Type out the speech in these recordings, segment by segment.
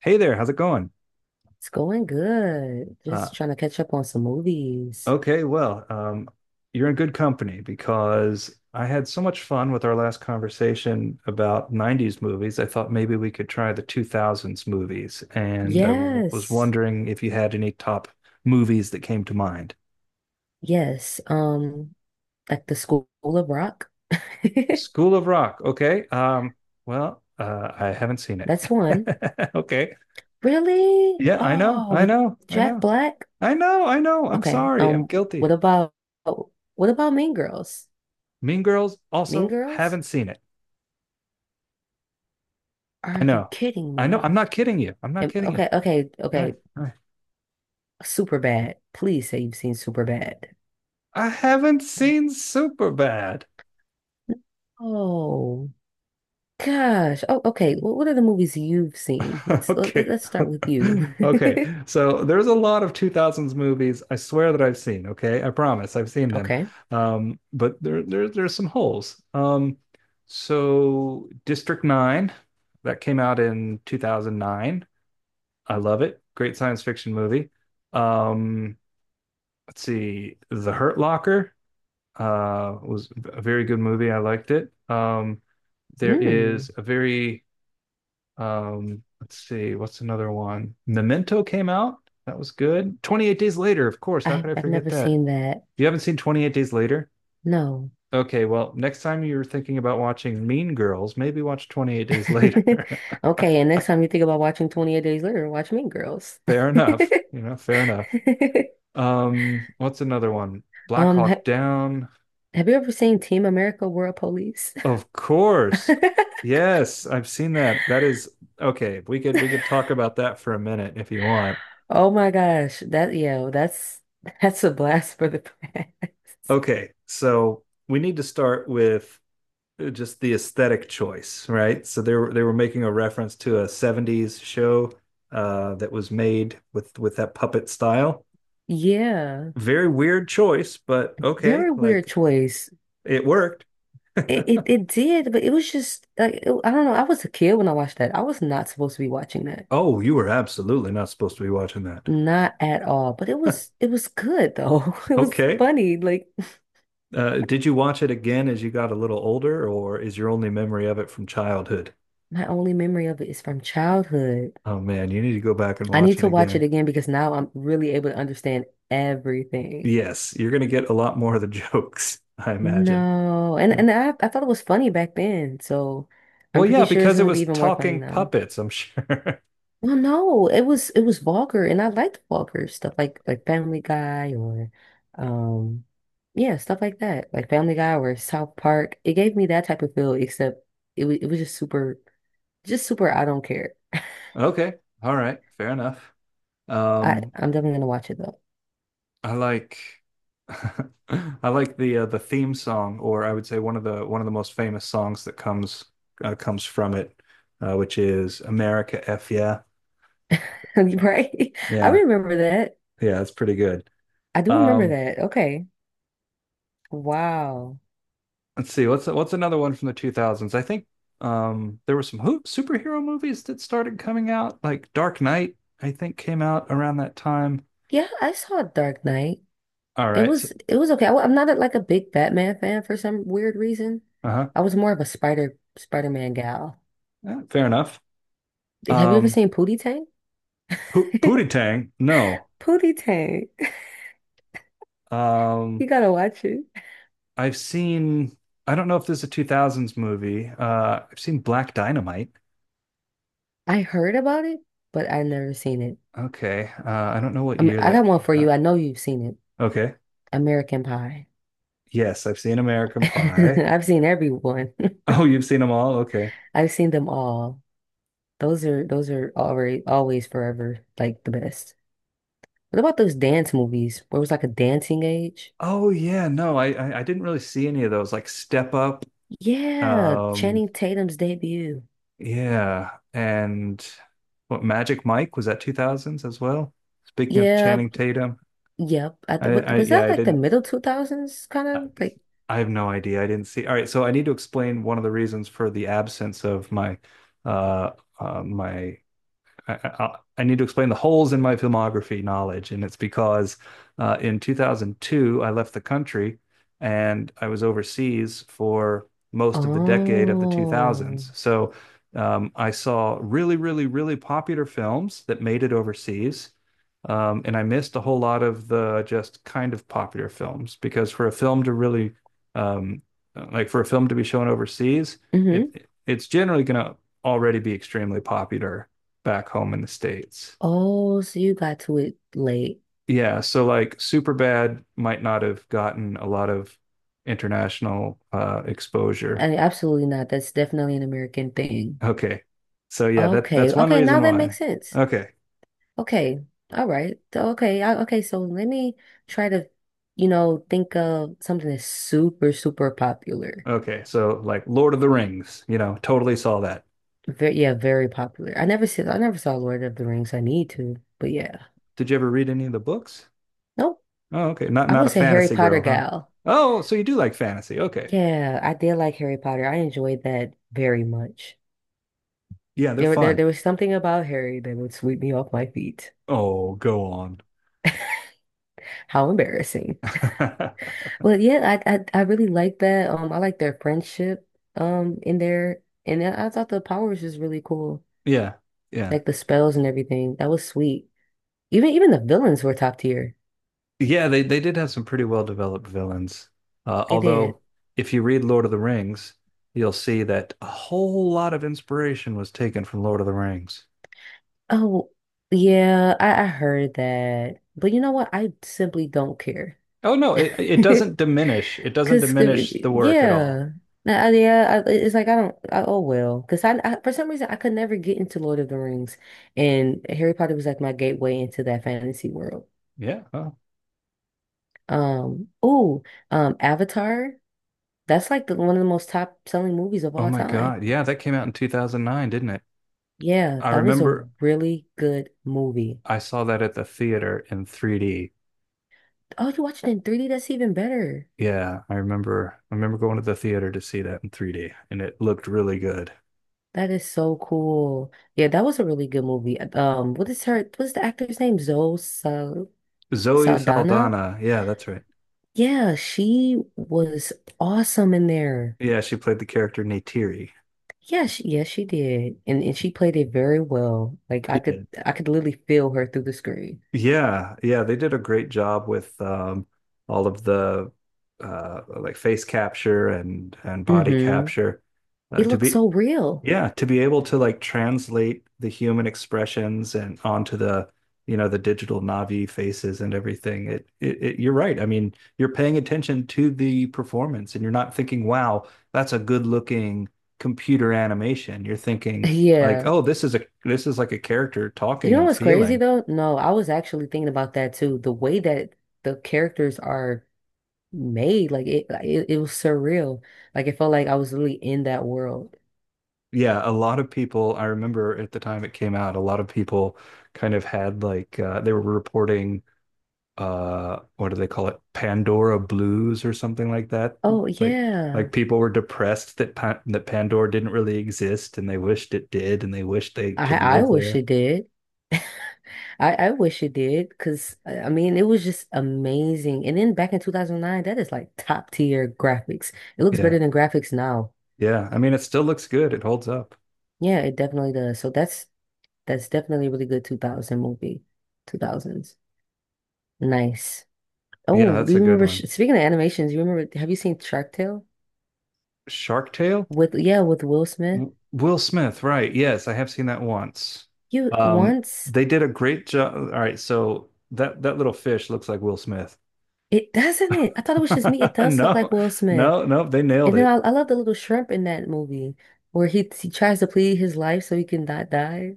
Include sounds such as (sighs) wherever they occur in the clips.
Hey there, how's it going? It's going good. Uh, Just trying to catch up on some movies. okay, well, you're in good company because I had so much fun with our last conversation about 90s movies. I thought maybe we could try the 2000s movies, and I w was Yes. wondering if you had any top movies that came to mind. Yes. Like the School of Rock. (laughs) School of Rock, okay. Well, I haven't seen it. That's one. (laughs) Okay. Really? Yeah, I know, Oh, I with know, I Jack know, Black? I know, I know. I'm Okay. sorry, I'm what guilty. about what about Mean Girls? Mean Girls, Mean also Girls? haven't seen it. Are I you know. kidding I know. me? I'm not kidding you. I'm not kidding you. Okay, All right. okay. All right. Super bad. Please say you've seen Super bad. I haven't seen Superbad. Oh. Gosh. Oh, okay. Well, what are the movies you've seen? (laughs) Okay. (laughs) Let's start with you. Okay. (laughs) So there's a lot of 2000s movies I swear that I've seen, okay? I promise I've seen them. Okay. But there's some holes. So District 9 that came out in 2009. I love it. Great science fiction movie. Um, let's see. The Hurt Locker was a very good movie. I liked it. There is Mm. a very let's see, what's another one? Memento came out. That was good. 28 Days Later, of course. How could I I've forget never that? seen that. You haven't seen 28 Days Later? No. Okay, well, next time you're thinking about watching Mean Girls, maybe watch 28 Days (laughs) Later. (laughs) Okay, and next time you think about watching 28 Days Later, watch Mean Girls. Fair (laughs) enough. Fair enough. What's another one? Black ha Hawk Down. Have you ever seen Team America World Police? Of course. (laughs) Yes, I've seen that. That is okay. We could talk about that for a minute if you want. Oh my gosh, that yeah, that's a blast for the past. Okay, so we need to start with just the aesthetic choice, right? So they were making a reference to a 70s show that was made with that puppet style. (laughs) Yeah, Very weird choice, but okay, very weird like choice. it worked. It it did, but it was just like I don't know. I was a kid when I watched that. I was not supposed to be watching that, Oh, you were absolutely not supposed to be watching that. not at all. But (laughs) it was good though. (laughs) It was Okay, funny. Like did you watch it again as you got a little older, or is your only memory of it from childhood? my only memory of it is from childhood. Oh man, you need to go back and I watch need it to watch it again. again because now I'm really able to understand everything. Yes, you're going to get a lot more of the (laughs) jokes, I imagine. No, and I thought it was funny back then, so I'm Well, yeah, pretty sure it's because it gonna be was even more funny talking now. puppets, I'm sure. (laughs) Well, no, it was vulgar, and I liked vulgar stuff like Family Guy or, um, yeah, stuff like that, like Family Guy or South Park. It gave me that type of feel, except it was just super, just super. I don't care. Okay, all right, fair enough. Um, I'm definitely gonna watch it though, I like (laughs) I like the theme song, or I would say one of the most famous songs that comes comes from it, which is America F yeah. (laughs) right? I Yeah, remember that. yeah, it's pretty good. I do remember Um, that. Okay, wow. let's see, what's another one from the 2000s? I think there were some hoop superhero movies that started coming out, like Dark Knight, I think came out around that time. Yeah, I saw Dark Knight. All right. So, It was okay. I am not a, like a big Batman fan for some weird reason. uh-huh. I was more of a Spider-Man gal. Yeah, fair enough. Have you ever Um seen Pootie Tang? Pootie (laughs) Tang, no. Pootie Tang. You Um gotta watch it. I've seen I don't know if this is a 2000s movie. I've seen Black Dynamite. I heard about it, but I never seen it. Okay. I don't know what I mean, year I that got one came for you. out. I know you've seen it. Okay. American Pie. Yes, I've seen American (laughs) Pie. (laughs) I've seen everyone. Oh, you've seen them all? Okay. (laughs) I've seen them all. Those are already always forever like the best. What about those dance movies where it was like a dancing age? Oh yeah, no, I didn't really see any of those like Step Up, Yeah, um, Channing Tatum's debut. yeah, and what Magic Mike was that 2000s as well? Speaking of Yeah, Channing Tatum, yep. I was yeah, that like the middle 2000s kind I, of like? I have no idea. I didn't see. All right, so I need to explain one of the reasons for the absence of my uh, uh my I need to explain the holes in my filmography knowledge, and it's because in 2002 I left the country and I was overseas for most of the decade of the Oh. 2000s. So I saw really, really, really popular films that made it overseas. And I missed a whole lot of the just kind of popular films because for a film to really, um, like for a film to be shown overseas, Hmm. it's generally going to already be extremely popular back home in the States. Oh, so you got to it late. Yeah, so like Superbad might not have gotten a lot of international I exposure. mean, absolutely not. That's definitely an American thing. Okay. So yeah, that Okay. that's one Okay, now reason that why. makes sense. Okay. Okay. All right. So, okay. Okay, so let me try to, you know, think of something that's super popular. Okay. So like Lord of the Rings, totally saw that. Yeah, very popular. I never saw Lord of the Rings. I need to, but yeah. Did you ever read any of the books? Nope. Oh, okay. Not I not a was a Harry fantasy Potter girl, huh? gal. Oh, so you do like fantasy. Okay. Yeah, I did like Harry Potter. I enjoyed that very much. Yeah, they're fun. There was something about Harry that would sweep me off my feet. Oh, go on. How embarrassing. (laughs) But yeah, I really like that. I like their friendship in there. And then I thought the power was just really cool. Yeah. Yeah. Like the spells and everything. That was sweet. Even the villains were top tier. Yeah, they did have some pretty well developed villains. They Although, did. if you read Lord of the Rings, you'll see that a whole lot of inspiration was taken from Lord of the Rings. Oh, yeah, I heard that. But you know what? I simply don't care. Oh no, it doesn't (laughs) diminish. It doesn't Cause diminish the work at all. yeah. Yeah, it's like I don't. Oh well, because I for some reason I could never get into Lord of the Rings, and Harry Potter was like my gateway into that fantasy world. Yeah. Oh, Um, oh, Avatar. That's like the one of the most top selling movies of oh all my time. God. Yeah, that came out in 2009, didn't it? Yeah, I that was a remember really good movie. I saw that at the theater in 3D. Oh, you watched it in 3D? That's even better. Yeah, I remember going to the theater to see that in 3D, and it looked really good. That is so cool. Yeah, that was a really good movie. What's the actor's name? Zoe Sal Zoe Saldana? Saldana. Yeah, that's right. Yeah, she was awesome in there. Yeah, she played the character Neytiri. Yeah, yes, she did. And she played it very well. Like She did. I could literally feel her through the screen. Yeah, yeah, they did a great job with all of the like face capture and body Mm-hmm. capture. It To looked be so real. Yeah, to be able to like translate the human expressions and onto the digital Navi faces and everything. It you're right. I mean, you're paying attention to the performance and you're not thinking, wow, that's a good looking computer animation. You're thinking like, Yeah. oh, this is like a character talking You know and what's crazy feeling. though? No, I was actually thinking about that too. The way that the characters are made, it was surreal. Like it felt like I was really in that world. Yeah, a lot of people, I remember at the time it came out, a lot of people kind of had like they were reporting what do they call it Pandora blues or something like that Oh like yeah. like people were depressed that pa that Pandora didn't really exist and they wished it did and they wished they could I live wish there. it did. I wish it did because I mean it was just amazing. And then back in 2009, that is like top tier graphics. It looks Yeah, better than graphics now. yeah, I mean it still looks good, it holds up. Yeah, it definitely does. So that's definitely a really good 2000 movie. 2000s. Nice. Yeah, Oh, do that's a you good remember? One. Speaking of animations, you remember? Have you seen Shark Tale Shark Tale. with with Will Smith? Will Smith, right? Yes, I have seen that once. You um once they did a great job. All right, so that little fish looks like Will Smith. it doesn't it? I thought it was just me. It (laughs) does look No, like Will Smith, no, no, they nailed and then it. I love the little shrimp in that movie where he tries to plead his life so he can not die.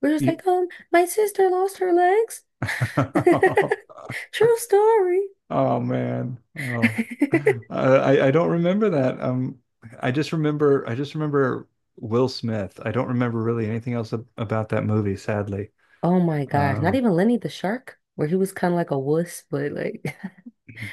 We're just Yeah. like, my sister lost her legs. (laughs) (laughs) True story. Oh man. Oh. (laughs) (laughs) I don't remember that. I just remember Will Smith. I don't remember really anything else about that movie, sadly. Oh my gosh! Not Um even Lenny the shark, where he was kind of like a wuss, but like,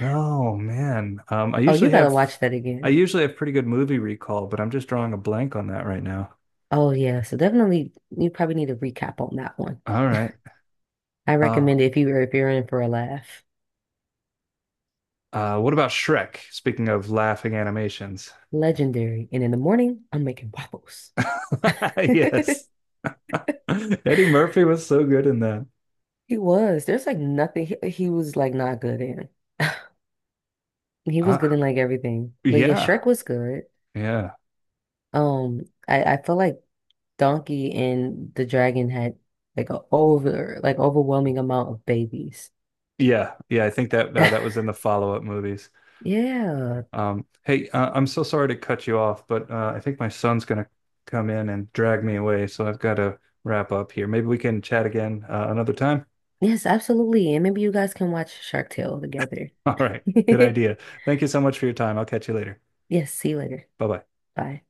oh man. I (laughs) oh, you usually gotta have watch that I again. usually have pretty good movie recall, but I'm just drawing a blank on that right now. Oh yeah, so definitely you probably need a recap on that one. All right. I Uh recommend it if you if you're in for a laugh. What about Shrek? Speaking of laughing animations. Legendary. And in the morning, I'm making waffles. (laughs) (laughs) Yes. (laughs) Eddie Murphy was so good in that. He was. There's like nothing he was like not good in. (sighs) (laughs) He was good Uh, in like everything. But yeah, Shrek yeah. was good. Yeah. I feel like Donkey and the Dragon had like a overwhelming amount of babies. (laughs) Yeah, yeah, I think that that was in the follow-up movies. Yeah. Hey, I'm so sorry to cut you off, but I think my son's gonna come in and drag me away, so I've got to wrap up here. Maybe we can chat again another time. Yes, absolutely. And maybe you guys can watch Shark Tale together. (laughs) All right, good (laughs) idea. Thank you so much for your time. I'll catch you later. Yes, see you later. Bye bye. Bye.